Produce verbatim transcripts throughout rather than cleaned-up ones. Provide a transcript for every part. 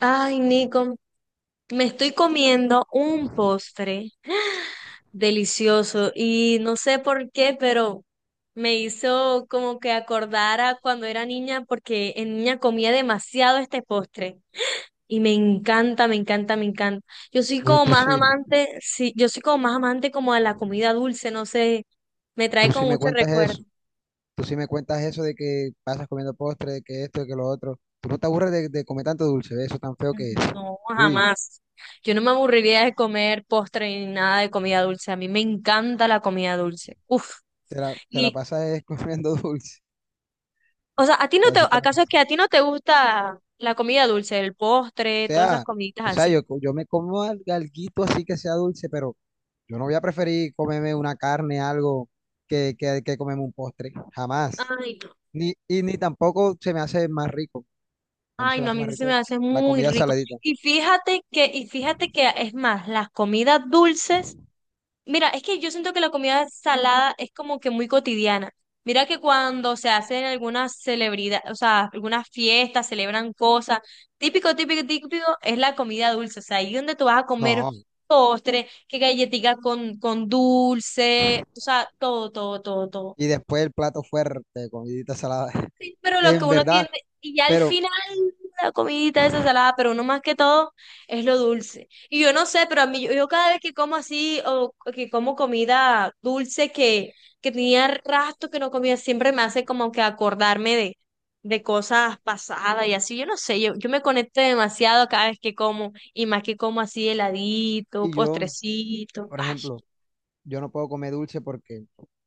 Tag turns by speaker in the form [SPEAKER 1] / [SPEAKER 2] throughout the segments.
[SPEAKER 1] Ay, Nico, me estoy comiendo un postre delicioso y no sé por qué, pero me hizo como que acordara cuando era niña, porque en niña comía demasiado este postre y me encanta, me encanta, me encanta. Yo soy
[SPEAKER 2] Tú,
[SPEAKER 1] como
[SPEAKER 2] tú
[SPEAKER 1] más
[SPEAKER 2] sí,
[SPEAKER 1] amante, sí, yo soy como más amante como a la comida dulce, no sé, me trae
[SPEAKER 2] tú sí
[SPEAKER 1] como
[SPEAKER 2] me
[SPEAKER 1] mucho
[SPEAKER 2] cuentas
[SPEAKER 1] recuerdo.
[SPEAKER 2] eso, tú sí me cuentas eso de que pasas comiendo postre, de que esto, de que lo otro. Tú no te aburres de, de comer tanto dulce, ¿ves? Eso tan feo que es.
[SPEAKER 1] No,
[SPEAKER 2] Uy,
[SPEAKER 1] jamás. Yo no me aburriría de comer postre ni nada de comida dulce. A mí me encanta la comida dulce. Uf.
[SPEAKER 2] te la, te la
[SPEAKER 1] Y,
[SPEAKER 2] pasas es comiendo dulce.
[SPEAKER 1] o sea, ¿a ti no te,
[SPEAKER 2] Así te la-
[SPEAKER 1] acaso es
[SPEAKER 2] o
[SPEAKER 1] que a ti no te gusta la comida dulce, el postre, todas esas
[SPEAKER 2] sea,
[SPEAKER 1] comiditas
[SPEAKER 2] o sea,
[SPEAKER 1] así?
[SPEAKER 2] Yo, co- yo me como al- alguito así que sea dulce, pero yo no voy a preferir comerme una carne, algo, que, que, que comerme un postre, jamás.
[SPEAKER 1] Ay, no.
[SPEAKER 2] Ni, y ni tampoco se me hace más rico, a mí
[SPEAKER 1] Ay,
[SPEAKER 2] se me
[SPEAKER 1] no, a
[SPEAKER 2] hace más
[SPEAKER 1] mí sí
[SPEAKER 2] rico
[SPEAKER 1] me hace
[SPEAKER 2] la
[SPEAKER 1] muy
[SPEAKER 2] comida
[SPEAKER 1] rico.
[SPEAKER 2] saladita.
[SPEAKER 1] Y fíjate que, y fíjate que es más, las comidas dulces. Mira, es que yo siento que la comida salada es como que muy cotidiana. Mira que cuando se hacen algunas celebridades, o sea, algunas fiestas, celebran cosas, típico, típico, típico es la comida dulce. O sea, ahí donde tú vas a comer
[SPEAKER 2] No,
[SPEAKER 1] postre, que galletica con, con dulce, o sea, todo, todo, todo, todo.
[SPEAKER 2] y después el plato fuerte, comidita salada.
[SPEAKER 1] Sí, pero lo que
[SPEAKER 2] En
[SPEAKER 1] uno
[SPEAKER 2] verdad,
[SPEAKER 1] tiene, y ya al
[SPEAKER 2] pero,
[SPEAKER 1] final, la comidita esa salada, pero uno más que todo es lo dulce. Y yo no sé, pero a mí, yo, yo cada vez que como así, o que como comida dulce que, que tenía rastro que no comía, siempre me hace como que acordarme de, de cosas pasadas y así. Yo no sé, yo, yo me conecto demasiado cada vez que como, y más que como así heladito,
[SPEAKER 2] y yo,
[SPEAKER 1] postrecito.
[SPEAKER 2] por
[SPEAKER 1] Ay,
[SPEAKER 2] ejemplo, yo no puedo comer dulce porque,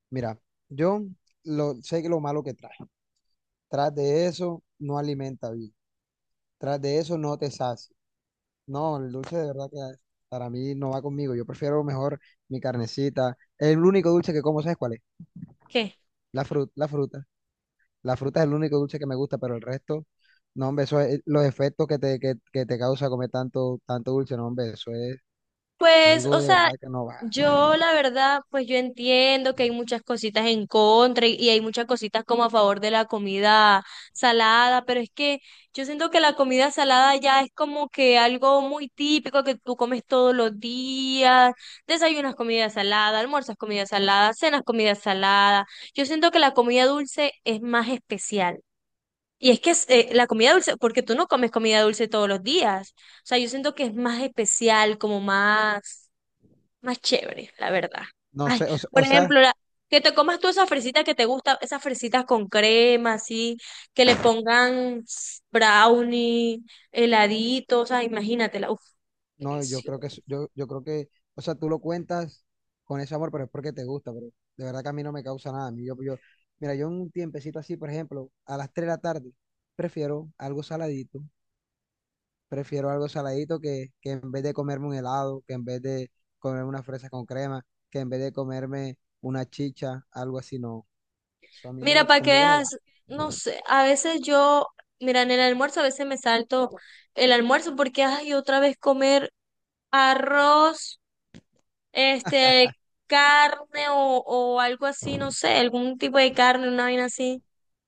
[SPEAKER 2] mira, yo lo, sé que lo malo que trae. Tras de eso, no alimenta bien. Tras de eso, no te sacia. No, el dulce de verdad que para mí no va conmigo. Yo prefiero mejor mi carnecita. El único dulce que como, ¿sabes cuál es?
[SPEAKER 1] ¿qué?
[SPEAKER 2] La fruta, la fruta. La fruta es el único dulce que me gusta, pero el resto, no, hombre, eso es los efectos que te, que, que te causa comer tanto, tanto dulce, no, hombre, eso es
[SPEAKER 1] Pues,
[SPEAKER 2] algo
[SPEAKER 1] o
[SPEAKER 2] de
[SPEAKER 1] sea,
[SPEAKER 2] verdad que no va.
[SPEAKER 1] yo la verdad, pues yo entiendo que hay muchas cositas en contra y, y hay muchas cositas como a favor de la comida salada, pero es que yo siento que la comida salada ya es como que algo muy típico que tú comes todos los días, desayunas comida salada, almuerzas comida salada, cenas comida salada. Yo siento que la comida dulce es más especial. Y es que es, eh, la comida dulce, porque tú no comes comida dulce todos los días. O sea, yo siento que es más especial, como más más chévere, la verdad.
[SPEAKER 2] No
[SPEAKER 1] Ay,
[SPEAKER 2] sé, o se-
[SPEAKER 1] por
[SPEAKER 2] o sea
[SPEAKER 1] ejemplo, la- que te comas tú esa fresita que te gusta, esas fresitas con crema, así, que le pongan brownie, heladitos, o sea, imagínatela. Uf,
[SPEAKER 2] No, yo
[SPEAKER 1] delicioso.
[SPEAKER 2] creo que, es- yo, yo creo que, o sea, tú lo cuentas con ese amor, pero es porque te gusta, pero de verdad que a mí no me causa nada. A mí, yo, yo, mira, yo en un tiempecito así, por ejemplo, a las tres de la tarde, prefiero algo saladito, prefiero algo saladito que, que en vez de comerme un helado, que en vez de comerme una fresa con crema, que en vez de comerme una chicha, algo así, no. Eso a mí
[SPEAKER 1] Mira,
[SPEAKER 2] no,
[SPEAKER 1] para que
[SPEAKER 2] conmigo no va.
[SPEAKER 1] veas, no sé, a veces yo, mira, en el almuerzo a veces me salto el almuerzo porque, ay, otra vez comer arroz, este, carne o, o algo así, no sé, algún tipo de carne, una vaina así.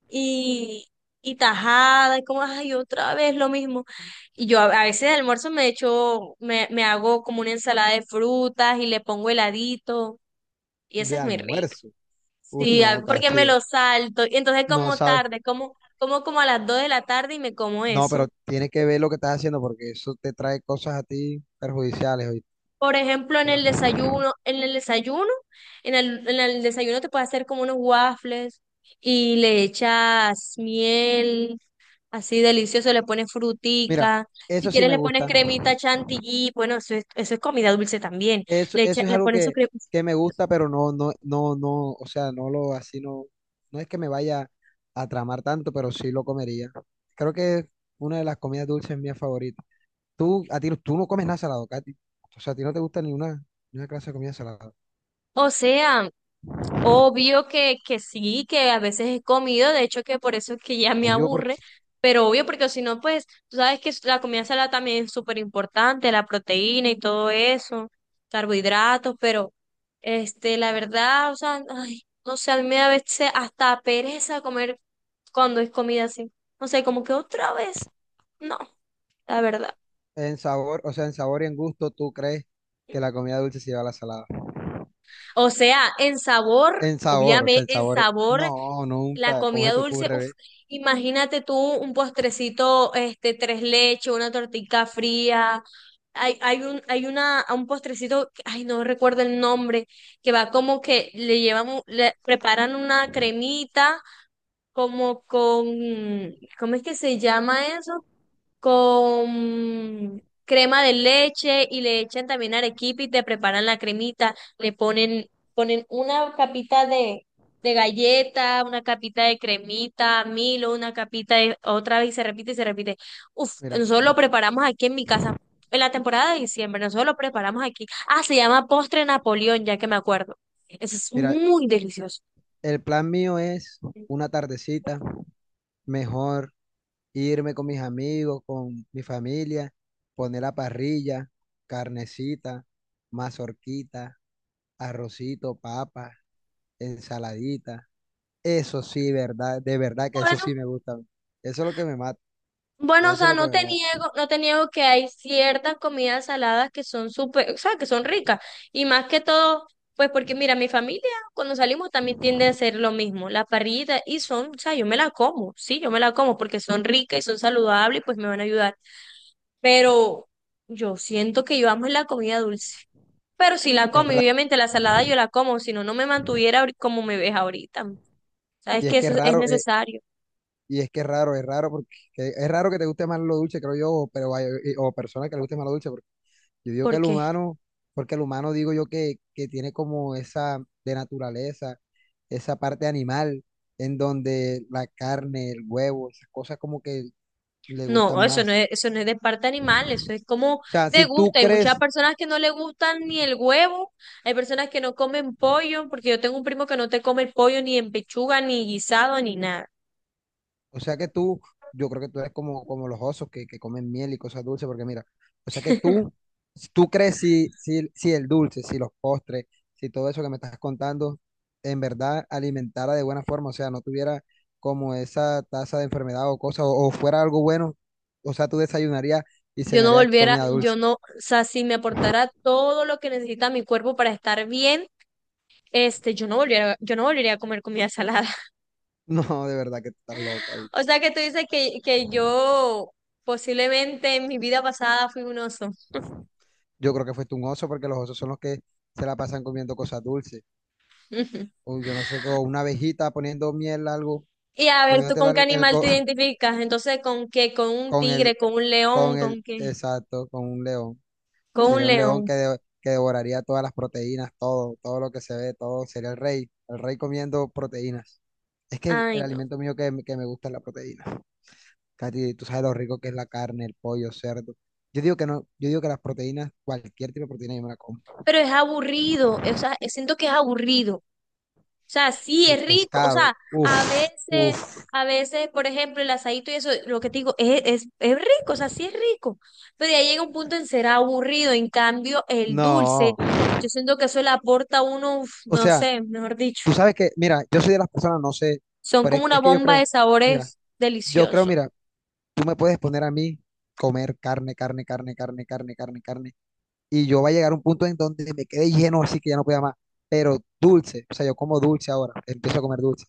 [SPEAKER 1] y, y tajada, y como, ay, otra vez lo mismo. Y yo a, a veces de almuerzo me echo, me, me hago como una ensalada de frutas y le pongo heladito, y esa
[SPEAKER 2] De
[SPEAKER 1] es muy rica.
[SPEAKER 2] almuerzo. Uy,
[SPEAKER 1] Sí,
[SPEAKER 2] no,
[SPEAKER 1] a- porque
[SPEAKER 2] casi,
[SPEAKER 1] me
[SPEAKER 2] de-
[SPEAKER 1] lo salto, y entonces
[SPEAKER 2] no
[SPEAKER 1] como
[SPEAKER 2] sabes.
[SPEAKER 1] tarde, como, como como a las dos de la tarde y me como
[SPEAKER 2] No, pero
[SPEAKER 1] eso.
[SPEAKER 2] tiene que ver lo que estás haciendo porque eso te trae cosas a ti perjudiciales, oíste.
[SPEAKER 1] Por ejemplo, en el desayuno, en el desayuno, en el, en el desayuno te puedes hacer como unos waffles y le echas miel. Así delicioso, le pones
[SPEAKER 2] Mira,
[SPEAKER 1] frutica, si
[SPEAKER 2] eso sí
[SPEAKER 1] quieres
[SPEAKER 2] me
[SPEAKER 1] le pones
[SPEAKER 2] gusta.
[SPEAKER 1] cremita chantilly, bueno, eso es, eso es comida dulce también,
[SPEAKER 2] Eso,
[SPEAKER 1] le, echa-
[SPEAKER 2] eso es
[SPEAKER 1] le
[SPEAKER 2] algo
[SPEAKER 1] pones su
[SPEAKER 2] que,
[SPEAKER 1] crema,
[SPEAKER 2] que me gusta, pero no, no, no, no, o sea, no lo, así no, no es que me vaya a tramar tanto, pero sí lo comería. Creo que es una de las comidas dulces mías favoritas. Tú, a ti, no- tú no comes nada salado, Katy. O sea, a ti no te gusta ninguna, ninguna clase de comida salada.
[SPEAKER 1] o sea. Obvio que, que sí, que a veces he comido, de hecho que por eso es que ya me
[SPEAKER 2] Obvio
[SPEAKER 1] aburre,
[SPEAKER 2] porque
[SPEAKER 1] pero obvio porque si no, pues tú sabes que la comida salada también es súper importante, la proteína y todo eso, carbohidratos, pero este, la verdad, o sea, ay, no sé, a mí me da a veces hasta pereza comer cuando es comida así, no sé, como que otra vez, no, la verdad.
[SPEAKER 2] en sabor, o sea, en sabor y en gusto, tú crees que la comida dulce se lleva a la salada.
[SPEAKER 1] O sea, en sabor,
[SPEAKER 2] En sabor, o sea,
[SPEAKER 1] obviamente,
[SPEAKER 2] en
[SPEAKER 1] en
[SPEAKER 2] sabor.
[SPEAKER 1] sabor.
[SPEAKER 2] No,
[SPEAKER 1] La
[SPEAKER 2] nunca. ¿Cómo se
[SPEAKER 1] comida
[SPEAKER 2] te
[SPEAKER 1] dulce,
[SPEAKER 2] ocurre,
[SPEAKER 1] uf,
[SPEAKER 2] ve?
[SPEAKER 1] imagínate tú un postrecito, este, tres leches, una tortita fría. Hay, hay un, hay una, un postrecito, que- ay, no recuerdo el nombre, que va como que le llevan, un- le preparan una cremita, como con, ¿cómo es que se llama eso? Con crema de leche y le echan también arequipe y te preparan la cremita, le ponen, ponen una capita de, de galleta, una capita de cremita, Milo, una capita de otra vez y se repite y se repite. Uf,
[SPEAKER 2] Mira,
[SPEAKER 1] nosotros lo preparamos aquí en mi casa. En la temporada de diciembre, nosotros lo preparamos aquí. Ah, se llama postre Napoleón, ya que me acuerdo. Eso es
[SPEAKER 2] mira,
[SPEAKER 1] muy delicioso.
[SPEAKER 2] el plan mío es una tardecita, mejor irme con mis amigos, con mi familia, poner la parrilla, carnecita, mazorquita, arrocito, papa, ensaladita. Eso sí, verdad, de verdad que eso
[SPEAKER 1] Bueno,
[SPEAKER 2] sí me gusta a mí. Eso es lo que me mata.
[SPEAKER 1] Bueno, o
[SPEAKER 2] Eso es
[SPEAKER 1] sea,
[SPEAKER 2] lo que
[SPEAKER 1] no
[SPEAKER 2] me
[SPEAKER 1] te
[SPEAKER 2] mata.
[SPEAKER 1] niego, no te niego que hay ciertas comidas saladas que son súper, o sea, que son ricas. Y más que todo, pues porque mira, mi familia cuando salimos también tiende a hacer lo mismo, la parrillita, y son, o sea, yo me la como, sí, yo me la como porque son ricas y son saludables y pues me van a ayudar. Pero yo siento que yo amo la comida dulce. Pero si
[SPEAKER 2] Es
[SPEAKER 1] la
[SPEAKER 2] que es
[SPEAKER 1] como, y
[SPEAKER 2] raro,
[SPEAKER 1] obviamente la salada yo la como, si no, no me mantuviera ahori- como me ves ahorita. Sabes
[SPEAKER 2] y
[SPEAKER 1] que
[SPEAKER 2] es que
[SPEAKER 1] eso
[SPEAKER 2] es
[SPEAKER 1] es es
[SPEAKER 2] raro
[SPEAKER 1] necesario.
[SPEAKER 2] Y Es que es raro, es raro porque es raro que te guste más lo dulce, creo yo, o- pero hay- o personas que le guste más lo dulce, porque yo digo que el
[SPEAKER 1] Porque
[SPEAKER 2] humano, porque el humano digo yo que, que tiene como esa de naturaleza, esa parte animal, en donde la carne, el huevo, esas cosas como que le
[SPEAKER 1] no,
[SPEAKER 2] gustan
[SPEAKER 1] eso no
[SPEAKER 2] más.
[SPEAKER 1] es, eso no es de parte animal, eso es como
[SPEAKER 2] O sea,
[SPEAKER 1] de
[SPEAKER 2] si tú
[SPEAKER 1] gusto. Hay muchas
[SPEAKER 2] crees
[SPEAKER 1] personas que no le gustan ni el huevo, hay personas que no comen pollo, porque yo tengo un primo que no te come el pollo ni en pechuga, ni guisado, ni nada.
[SPEAKER 2] O sea que tú, yo creo que tú eres como, como los osos que, que comen miel y cosas dulces, porque mira, o sea que tú, si tú crees si, si, si el dulce, si los postres, si todo eso que me estás contando, en verdad alimentara de buena forma, o sea, no tuviera como esa tasa de enfermedad o cosa, o, o fuera algo bueno, o sea, tú desayunarías y
[SPEAKER 1] Yo no
[SPEAKER 2] cenarías
[SPEAKER 1] volviera,
[SPEAKER 2] comida No, dulce.
[SPEAKER 1] yo no, o sea, si me aportara todo lo que necesita mi cuerpo para estar bien, este, yo no volviera, yo no volvería a comer comida salada.
[SPEAKER 2] No, de verdad que tú estás loca, oye.
[SPEAKER 1] O sea que tú dices que, que yo posiblemente en mi vida pasada fui un oso.
[SPEAKER 2] Yo creo que fuiste un oso porque los osos son los que se la pasan comiendo cosas dulces. O yo no sé, o una abejita poniendo miel, algo.
[SPEAKER 1] Y a ver, ¿tú
[SPEAKER 2] Comiéndote
[SPEAKER 1] con qué
[SPEAKER 2] la- el,
[SPEAKER 1] animal
[SPEAKER 2] co-
[SPEAKER 1] te identificas? Entonces, ¿con qué? ¿Con un
[SPEAKER 2] con el,
[SPEAKER 1] tigre? ¿Con un león?
[SPEAKER 2] con el,
[SPEAKER 1] ¿Con qué?
[SPEAKER 2] exacto, con un león.
[SPEAKER 1] Con un
[SPEAKER 2] Sería un león
[SPEAKER 1] león.
[SPEAKER 2] que, de- que devoraría todas las proteínas, todo, todo lo que se ve, todo. Sería el rey, el rey comiendo proteínas. Es que el, el
[SPEAKER 1] Ay, no.
[SPEAKER 2] alimento mío que, me- que me gusta es la proteína. Katy, tú sabes lo rico que es la carne, el pollo, cerdo. Yo digo que no, yo digo que las proteínas, cualquier tipo de proteína yo me la como.
[SPEAKER 1] Pero es aburrido, o sea, eh, siento que es aburrido. O sea, sí,
[SPEAKER 2] El
[SPEAKER 1] es rico. O
[SPEAKER 2] pescado,
[SPEAKER 1] sea, a
[SPEAKER 2] uff,
[SPEAKER 1] veces,
[SPEAKER 2] uff,
[SPEAKER 1] a veces, por ejemplo, el asadito y eso, lo que te digo, es, es, es rico, o sea, sí es rico. Pero ya llega un punto en ser aburrido. En cambio, el dulce,
[SPEAKER 2] no.
[SPEAKER 1] yo siento que eso le aporta a uno, uf,
[SPEAKER 2] O
[SPEAKER 1] no
[SPEAKER 2] sea,
[SPEAKER 1] sé, mejor dicho,
[SPEAKER 2] tú sabes que, mira, yo soy de las personas, no sé,
[SPEAKER 1] son
[SPEAKER 2] pero
[SPEAKER 1] como
[SPEAKER 2] es,
[SPEAKER 1] una
[SPEAKER 2] es que yo
[SPEAKER 1] bomba
[SPEAKER 2] creo,
[SPEAKER 1] de
[SPEAKER 2] mira,
[SPEAKER 1] sabores
[SPEAKER 2] yo creo,
[SPEAKER 1] deliciosos.
[SPEAKER 2] mira. Tú me puedes poner a mí comer carne, carne, carne, carne, carne, carne, carne. Y yo va a llegar a un punto en donde me quede lleno, así que ya no pueda más. Pero dulce, o sea, yo como dulce ahora, empiezo a comer dulce.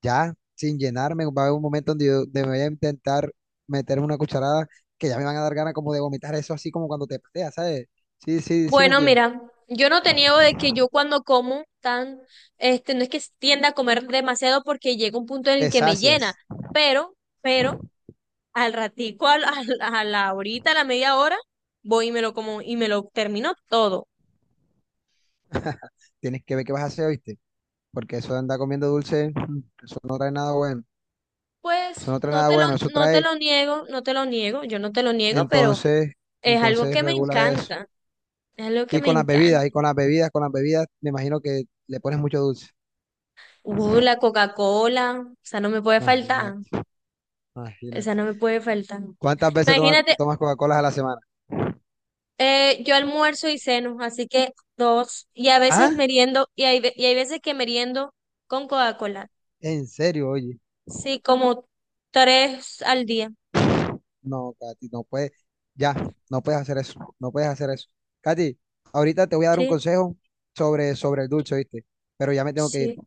[SPEAKER 2] Ya, sin llenarme, va a haber un momento donde yo donde me voy a intentar meter una cucharada que ya me van a dar ganas como de vomitar eso, así como cuando te pateas, ¿sabes? Sí, sí, sí, me
[SPEAKER 1] Bueno,
[SPEAKER 2] entiendes.
[SPEAKER 1] mira, yo no te niego de que yo cuando como tan, este, no es que tienda a comer demasiado porque llega un punto en el
[SPEAKER 2] Te
[SPEAKER 1] que me llena,
[SPEAKER 2] sacias.
[SPEAKER 1] pero, pero, al ratico, al- al- a la horita, a la media hora, voy y me lo como y me lo termino todo.
[SPEAKER 2] Tienes que ver qué vas a hacer, ¿viste? Porque eso de andar comiendo dulce, mm, eso no trae nada bueno. Eso
[SPEAKER 1] Pues
[SPEAKER 2] no trae
[SPEAKER 1] no
[SPEAKER 2] nada
[SPEAKER 1] te lo,
[SPEAKER 2] bueno, eso
[SPEAKER 1] no te
[SPEAKER 2] trae,
[SPEAKER 1] lo niego, no te lo niego, yo no te lo niego, pero
[SPEAKER 2] entonces,
[SPEAKER 1] es algo
[SPEAKER 2] entonces
[SPEAKER 1] que me
[SPEAKER 2] regula eso.
[SPEAKER 1] encanta, es algo que
[SPEAKER 2] Y
[SPEAKER 1] me
[SPEAKER 2] con las bebidas,
[SPEAKER 1] encanta.
[SPEAKER 2] y con las bebidas, con las bebidas, me imagino que le pones mucho dulce.
[SPEAKER 1] Uh, la Coca-Cola, esa no me puede faltar,
[SPEAKER 2] Imagínate,
[SPEAKER 1] esa
[SPEAKER 2] imagínate.
[SPEAKER 1] no me puede faltar.
[SPEAKER 2] ¿Cuántas veces tomas,
[SPEAKER 1] Imagínate.
[SPEAKER 2] tomas Coca-Cola a la semana?
[SPEAKER 1] Eh, yo almuerzo y ceno, así que dos. Y a veces
[SPEAKER 2] ¿Ah?
[SPEAKER 1] meriendo, y hay, ve- y hay veces que meriendo con Coca-Cola.
[SPEAKER 2] ¿En serio, oye?
[SPEAKER 1] Sí, como tres al día.
[SPEAKER 2] No, Katy, no puedes, ya, no puedes hacer eso, no puedes hacer eso. Katy, ahorita te voy a dar un
[SPEAKER 1] Sí,
[SPEAKER 2] consejo sobre, sobre el dulce, ¿viste? Pero ya me tengo que ir,
[SPEAKER 1] sí.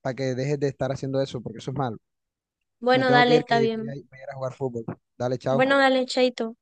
[SPEAKER 2] para que dejes de estar haciendo eso, porque eso es malo. Me
[SPEAKER 1] Bueno,
[SPEAKER 2] tengo que
[SPEAKER 1] dale,
[SPEAKER 2] ir,
[SPEAKER 1] está
[SPEAKER 2] que voy a,
[SPEAKER 1] bien.
[SPEAKER 2] voy a ir a jugar fútbol. Dale,
[SPEAKER 1] Bueno,
[SPEAKER 2] chao.
[SPEAKER 1] dale, chaito.